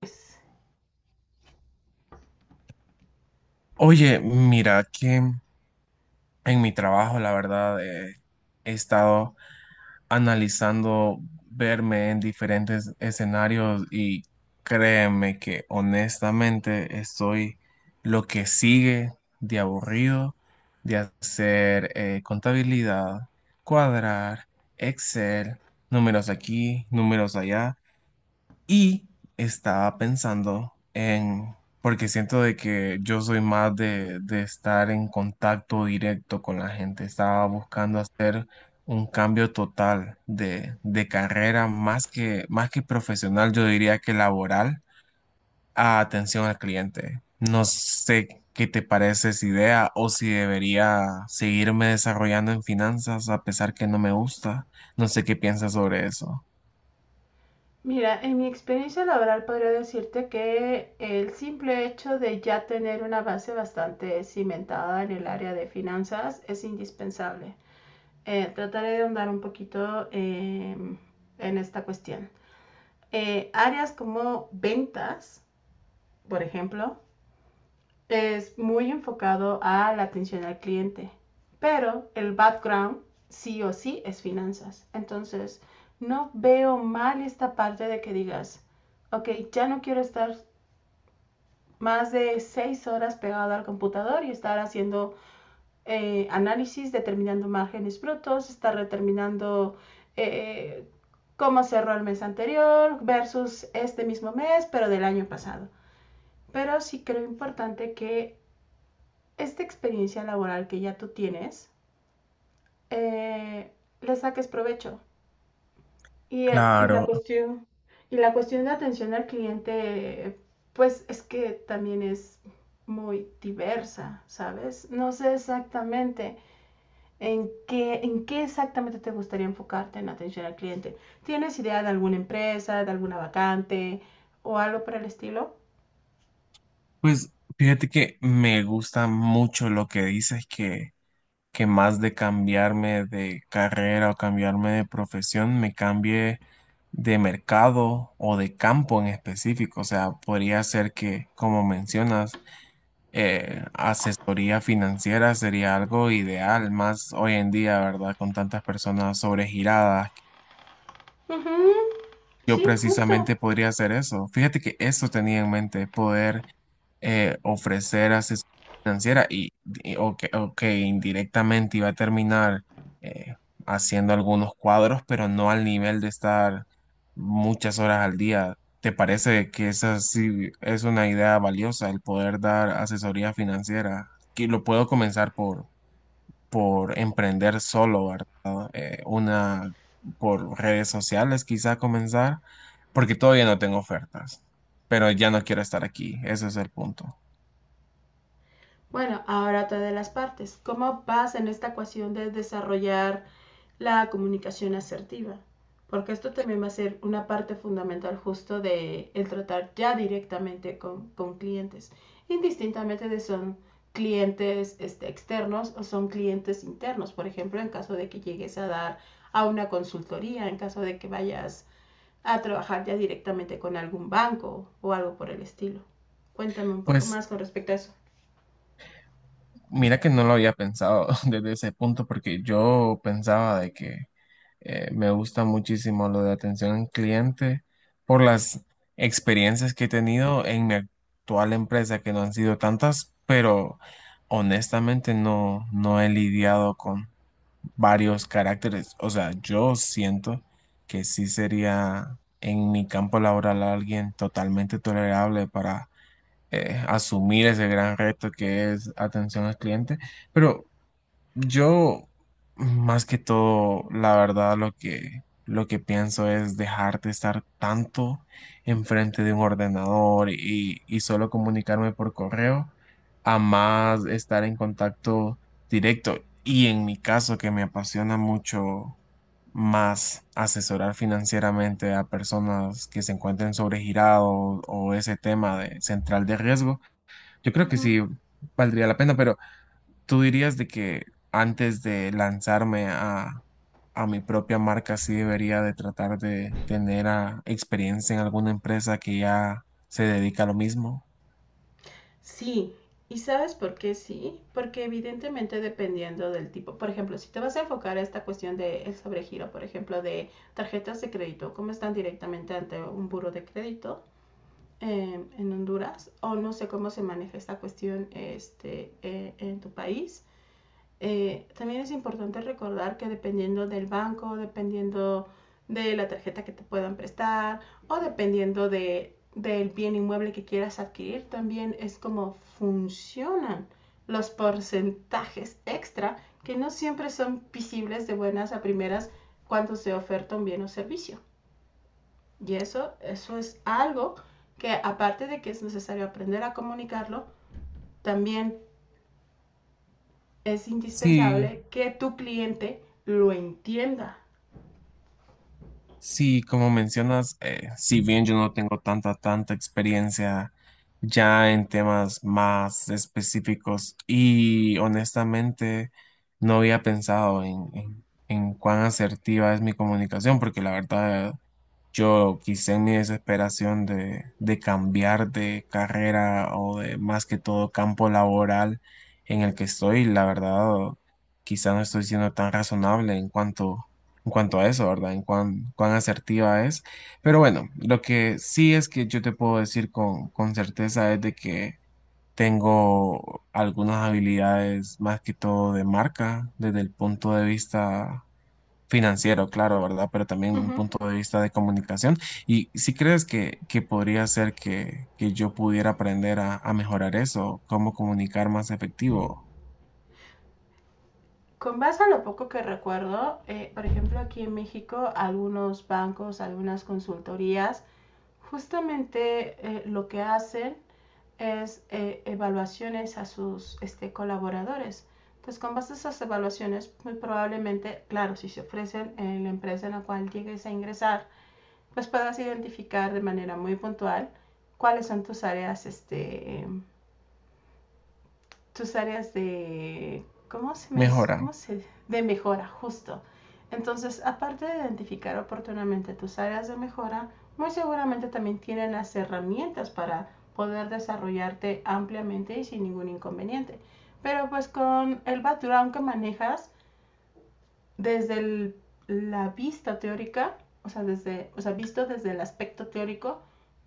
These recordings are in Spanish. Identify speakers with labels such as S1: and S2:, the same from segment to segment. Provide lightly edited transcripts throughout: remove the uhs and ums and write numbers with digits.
S1: Pues,
S2: Oye, mira que en mi trabajo, la verdad, he estado analizando verme en diferentes escenarios y créeme que honestamente estoy lo que sigue de aburrido de hacer contabilidad, cuadrar, Excel, números aquí, números allá. Y estaba pensando en, porque siento de que yo soy más de estar en contacto directo con la gente, estaba buscando hacer un cambio total de carrera, más que profesional, yo diría que laboral, a atención al cliente. No sé qué te parece esa idea o si debería seguirme desarrollando en finanzas a pesar que no me gusta. No sé qué piensas sobre eso.
S1: mira, en mi experiencia laboral podría decirte que el simple hecho de ya tener una base bastante cimentada en el área de finanzas es indispensable. Trataré de ahondar un poquito en esta cuestión. Áreas como ventas, por ejemplo, es muy enfocado a la atención al cliente, pero el background sí o sí es finanzas. Entonces, no veo mal esta parte de que digas, ok, ya no quiero estar más de seis horas pegado al computador y estar haciendo análisis, determinando márgenes brutos, estar determinando eh, cómo cerró el mes anterior versus este mismo mes, pero del año pasado. Pero sí creo importante que esta experiencia laboral que ya tú tienes, eh, le saques provecho. Y, y, la
S2: Claro.
S1: cuestión, y la cuestión de atención al cliente, pues es que también es muy diversa, ¿sabes? No sé exactamente en qué exactamente te gustaría enfocarte en atención al cliente. ¿Tienes idea de alguna empresa, de alguna vacante o algo por el estilo?
S2: Pues fíjate que me gusta mucho lo que dices que más de cambiarme de carrera o cambiarme de profesión, me cambie de mercado o de campo en específico. O sea, podría ser que, como mencionas, asesoría financiera sería algo ideal, más hoy en día, ¿verdad? Con tantas personas sobregiradas.
S1: Uh -huh.
S2: Yo
S1: Sí, justo.
S2: precisamente podría hacer eso. Fíjate que eso tenía en mente, poder ofrecer asesoría financiera o que indirectamente iba a terminar eh, haciendo algunos cuadros, pero no al nivel de estar muchas horas al día. ¿Te parece que esa sí es una idea valiosa, el poder dar asesoría financiera? Que lo puedo comenzar por emprender solo, ¿verdad? Una por redes sociales quizá comenzar, porque todavía no tengo ofertas, pero ya no quiero estar aquí, ese es el punto.
S1: Bueno, ahora otra de las partes. ¿Cómo vas en esta ecuación de desarrollar la comunicación asertiva? Porque esto también va a ser una parte fundamental justo de el tratar ya directamente con clientes, indistintamente de si son clientes este, externos o son clientes internos. Por ejemplo, en caso de que llegues a dar a una consultoría, en caso de que vayas a trabajar ya directamente con algún banco o algo por el estilo. Cuéntame un poco
S2: Pues
S1: más con respecto a eso.
S2: mira que no lo había pensado desde ese punto porque yo pensaba de que me gusta muchísimo lo de atención al cliente por las experiencias que he tenido en mi actual empresa que no han sido tantas, pero honestamente no he lidiado con varios caracteres. O sea, yo siento que sí sería en mi campo laboral alguien totalmente tolerable para asumir ese gran reto que es atención al cliente. Pero yo, más que todo, la verdad, lo que pienso es dejar de estar tanto enfrente de un ordenador y solo comunicarme por correo, a más estar en contacto directo. Y en mi caso, que me apasiona mucho más asesorar financieramente a personas que se encuentren sobregirados o ese tema de central de riesgo, yo
S1: Uh
S2: creo que
S1: -huh.
S2: sí valdría la pena, pero tú dirías de que antes de lanzarme a mi propia marca, sí debería de tratar de tener experiencia en alguna empresa que ya se dedica a lo mismo.
S1: Sí, ¿y sabes por qué sí? Porque evidentemente dependiendo del tipo, por ejemplo, si te vas a enfocar a esta cuestión del sobregiro, por ejemplo, de tarjetas de crédito, cómo están directamente ante un buro de crédito en Honduras, o no sé cómo se maneja esta cuestión este, en tu país, también es importante recordar que dependiendo del banco, dependiendo de la tarjeta que te puedan prestar o dependiendo del bien inmueble que quieras adquirir, también es como funcionan los porcentajes extra que no siempre son visibles de buenas a primeras cuando se oferta un bien o servicio. Eso es algo que aparte de que es necesario aprender a comunicarlo, también es
S2: Sí,
S1: indispensable que tu cliente lo entienda.
S2: sí, como mencionas, si bien yo no tengo tanta experiencia ya en temas más específicos y honestamente no había pensado en cuán asertiva es mi comunicación, porque la verdad yo quizá en mi desesperación de cambiar de carrera o de más que todo campo laboral en el que estoy, la verdad, quizá no estoy siendo tan razonable en cuanto a eso, ¿verdad? En cuán asertiva es. Pero bueno, lo que sí es que yo te puedo decir con certeza es de que tengo algunas habilidades más que todo de marca desde el punto de vista financiero, claro, ¿verdad? Pero también un
S1: Uh-huh.
S2: punto de vista de comunicación. ¿Y si crees que podría ser que yo pudiera aprender a mejorar eso? ¿Cómo comunicar más efectivo?
S1: Con base a lo poco que recuerdo, por ejemplo, aquí en México, algunos bancos, algunas consultorías, justamente lo que hacen es evaluaciones a sus este, colaboradores. Entonces, con base a esas evaluaciones, muy probablemente, claro, si se ofrecen en la empresa en la cual llegues a ingresar, pues puedas identificar de manera muy puntual cuáles son tus áreas este, tus áreas de,
S2: ¿Mejora?
S1: de mejora, justo. Entonces, aparte de identificar oportunamente tus áreas de mejora, muy seguramente también tienen las herramientas para poder desarrollarte ampliamente y sin ningún inconveniente. Pero pues con el background que manejas, desde el- la vista teórica, o sea, visto desde el aspecto teórico,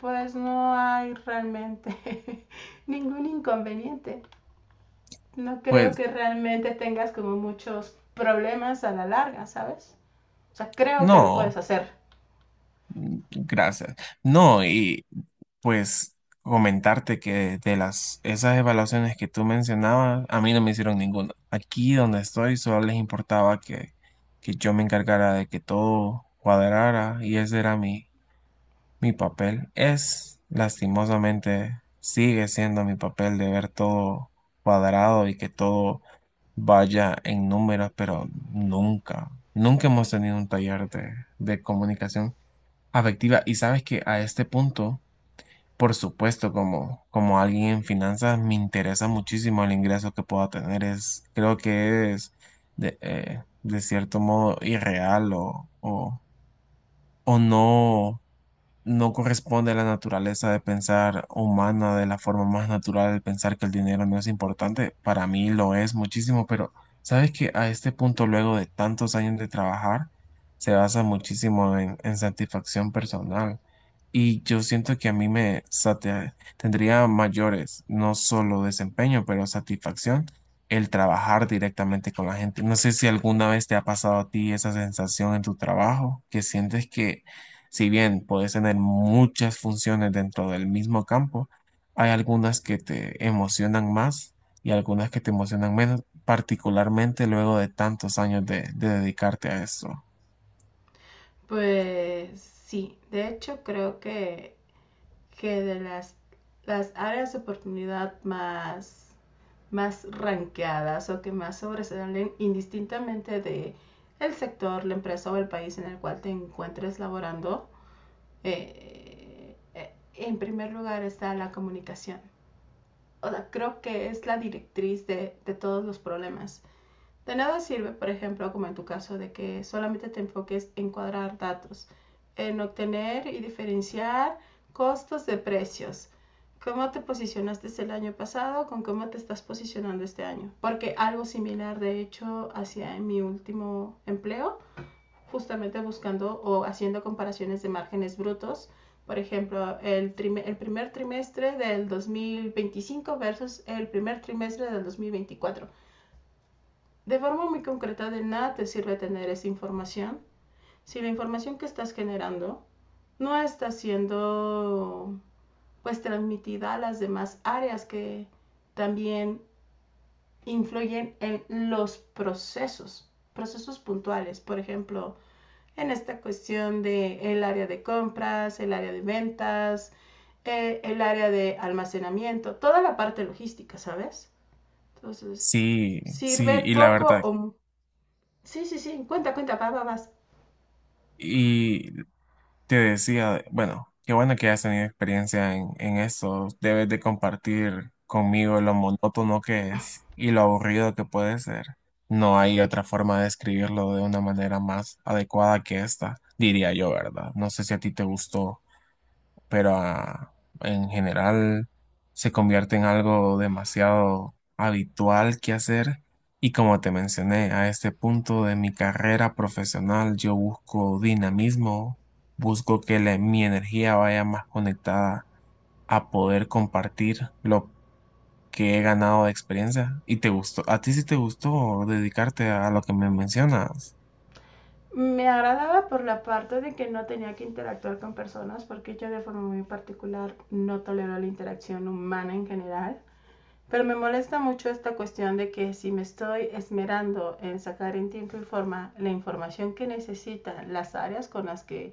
S1: pues no hay realmente ningún inconveniente, no creo
S2: Pues
S1: que realmente tengas como muchos problemas a la larga, ¿sabes? O sea, creo que lo puedes
S2: no,
S1: hacer.
S2: mm, gracias. No, y pues comentarte que de las esas evaluaciones que tú mencionabas, a mí no me hicieron ninguna. Aquí donde estoy solo les importaba que yo me encargara de que todo cuadrara y ese era mi mi papel es, lastimosamente, sigue siendo mi papel de ver todo cuadrado y que todo vaya en números, pero nunca hemos tenido un taller de comunicación afectiva. Y sabes que a este punto, por supuesto, como alguien en finanzas, me interesa muchísimo el ingreso que pueda tener. Es, creo que es de cierto modo irreal o no no corresponde a la naturaleza de pensar humana de la forma más natural de pensar que el dinero no es importante. Para mí lo es muchísimo, pero sabes que a este punto, luego de tantos años de trabajar, se basa muchísimo en satisfacción personal. Y yo siento que a mí tendría mayores, no solo desempeño, pero satisfacción el trabajar directamente con la gente. No sé si alguna vez te ha pasado a ti esa sensación en tu trabajo, que sientes que si bien puedes tener muchas funciones dentro del mismo campo, hay algunas que te emocionan más y algunas que te emocionan menos, particularmente luego de tantos años de dedicarte a esto.
S1: Pues sí, de hecho creo que las áreas de oportunidad más ranqueadas o que más sobresalen indistintamente de el sector, la empresa o el país en el cual te encuentres laborando, en primer lugar está la comunicación, o sea, creo que es la directriz de todos los problemas. De nada sirve, por ejemplo, como en tu caso, de que solamente te enfoques en cuadrar datos, en obtener y diferenciar costos de precios. ¿Cómo te posicionaste el año pasado con cómo te estás posicionando este año? Porque algo similar, de hecho, hacía en mi último empleo justamente buscando o haciendo comparaciones de márgenes brutos. Por ejemplo, el primer trimestre del 2025 versus el primer trimestre del 2024. De forma muy concreta, de nada te sirve tener esa información si la información que estás generando no está siendo pues transmitida a las demás áreas que también influyen en los procesos, procesos puntuales. Por ejemplo, en esta cuestión de el área de compras, el área de ventas, el área de almacenamiento, toda la parte logística, ¿sabes? Entonces,
S2: Sí, sí,
S1: sirve
S2: y la
S1: poco
S2: verdad,
S1: o... Sí, sí, sí, cuenta, cuenta, va, va, vas.
S2: y te decía, bueno, qué bueno que has tenido experiencia en eso. Debes de compartir conmigo lo monótono que es y lo aburrido que puede ser. No hay otra forma de describirlo de una manera más adecuada que esta, diría yo, ¿verdad? No sé si a ti te gustó, pero en general se convierte en algo demasiado habitual que hacer. Y como te mencioné, a este punto de mi carrera profesional yo busco dinamismo, busco que mi energía vaya más conectada a poder compartir lo que he ganado de experiencia. ¿Y te gustó? ¿A ti sí te gustó dedicarte a lo que me mencionas?
S1: Me agradaba por la parte de que no tenía que interactuar con personas, porque yo de forma muy particular no tolero la interacción humana en general. Pero me molesta mucho esta cuestión de que si me estoy esmerando en sacar en tiempo y forma la información que necesita las áreas con las que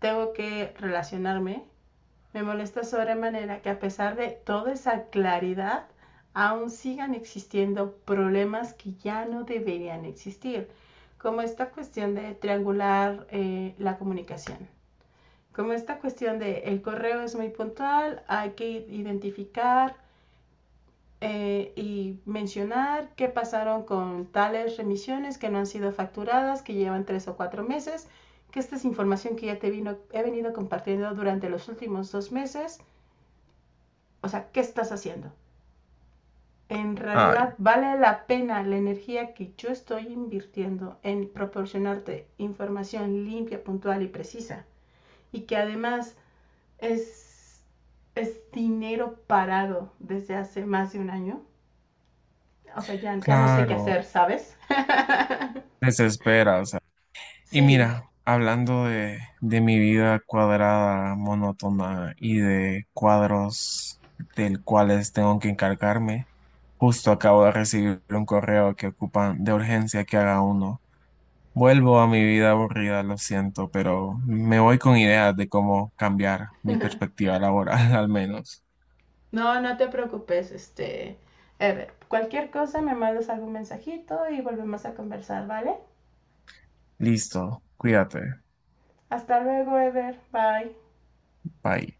S1: tengo que relacionarme, me molesta sobremanera que a pesar de toda esa claridad, aún sigan existiendo problemas que ya no deberían existir, como esta cuestión de triangular la comunicación, como esta cuestión de el correo es muy puntual, hay que identificar y mencionar qué pasaron con tales remisiones que no han sido facturadas, que llevan tres o cuatro meses, que esta es información que ya te vino, he venido compartiendo durante los últimos dos meses. O sea, ¿qué estás haciendo? En
S2: Ay,
S1: realidad vale la pena la energía que yo estoy invirtiendo en proporcionarte información limpia, puntual y precisa. Y que además es, es dinero parado desde hace más de un año. O sea, ya no sé qué
S2: claro,
S1: hacer, ¿sabes?
S2: desesperas. Y
S1: Sí,
S2: mira, hablando de mi vida cuadrada, monótona y de cuadros del cuales tengo que encargarme, justo acabo de recibir un correo que ocupan de urgencia que haga uno. Vuelvo a mi vida aburrida, lo siento, pero me voy con ideas de cómo cambiar mi perspectiva laboral, al menos.
S1: no, no te preocupes, este, Ever. Cualquier cosa me mandas algún mensajito y volvemos a conversar, ¿vale?
S2: Listo, cuídate,
S1: Hasta luego, Ever. Bye.
S2: bye.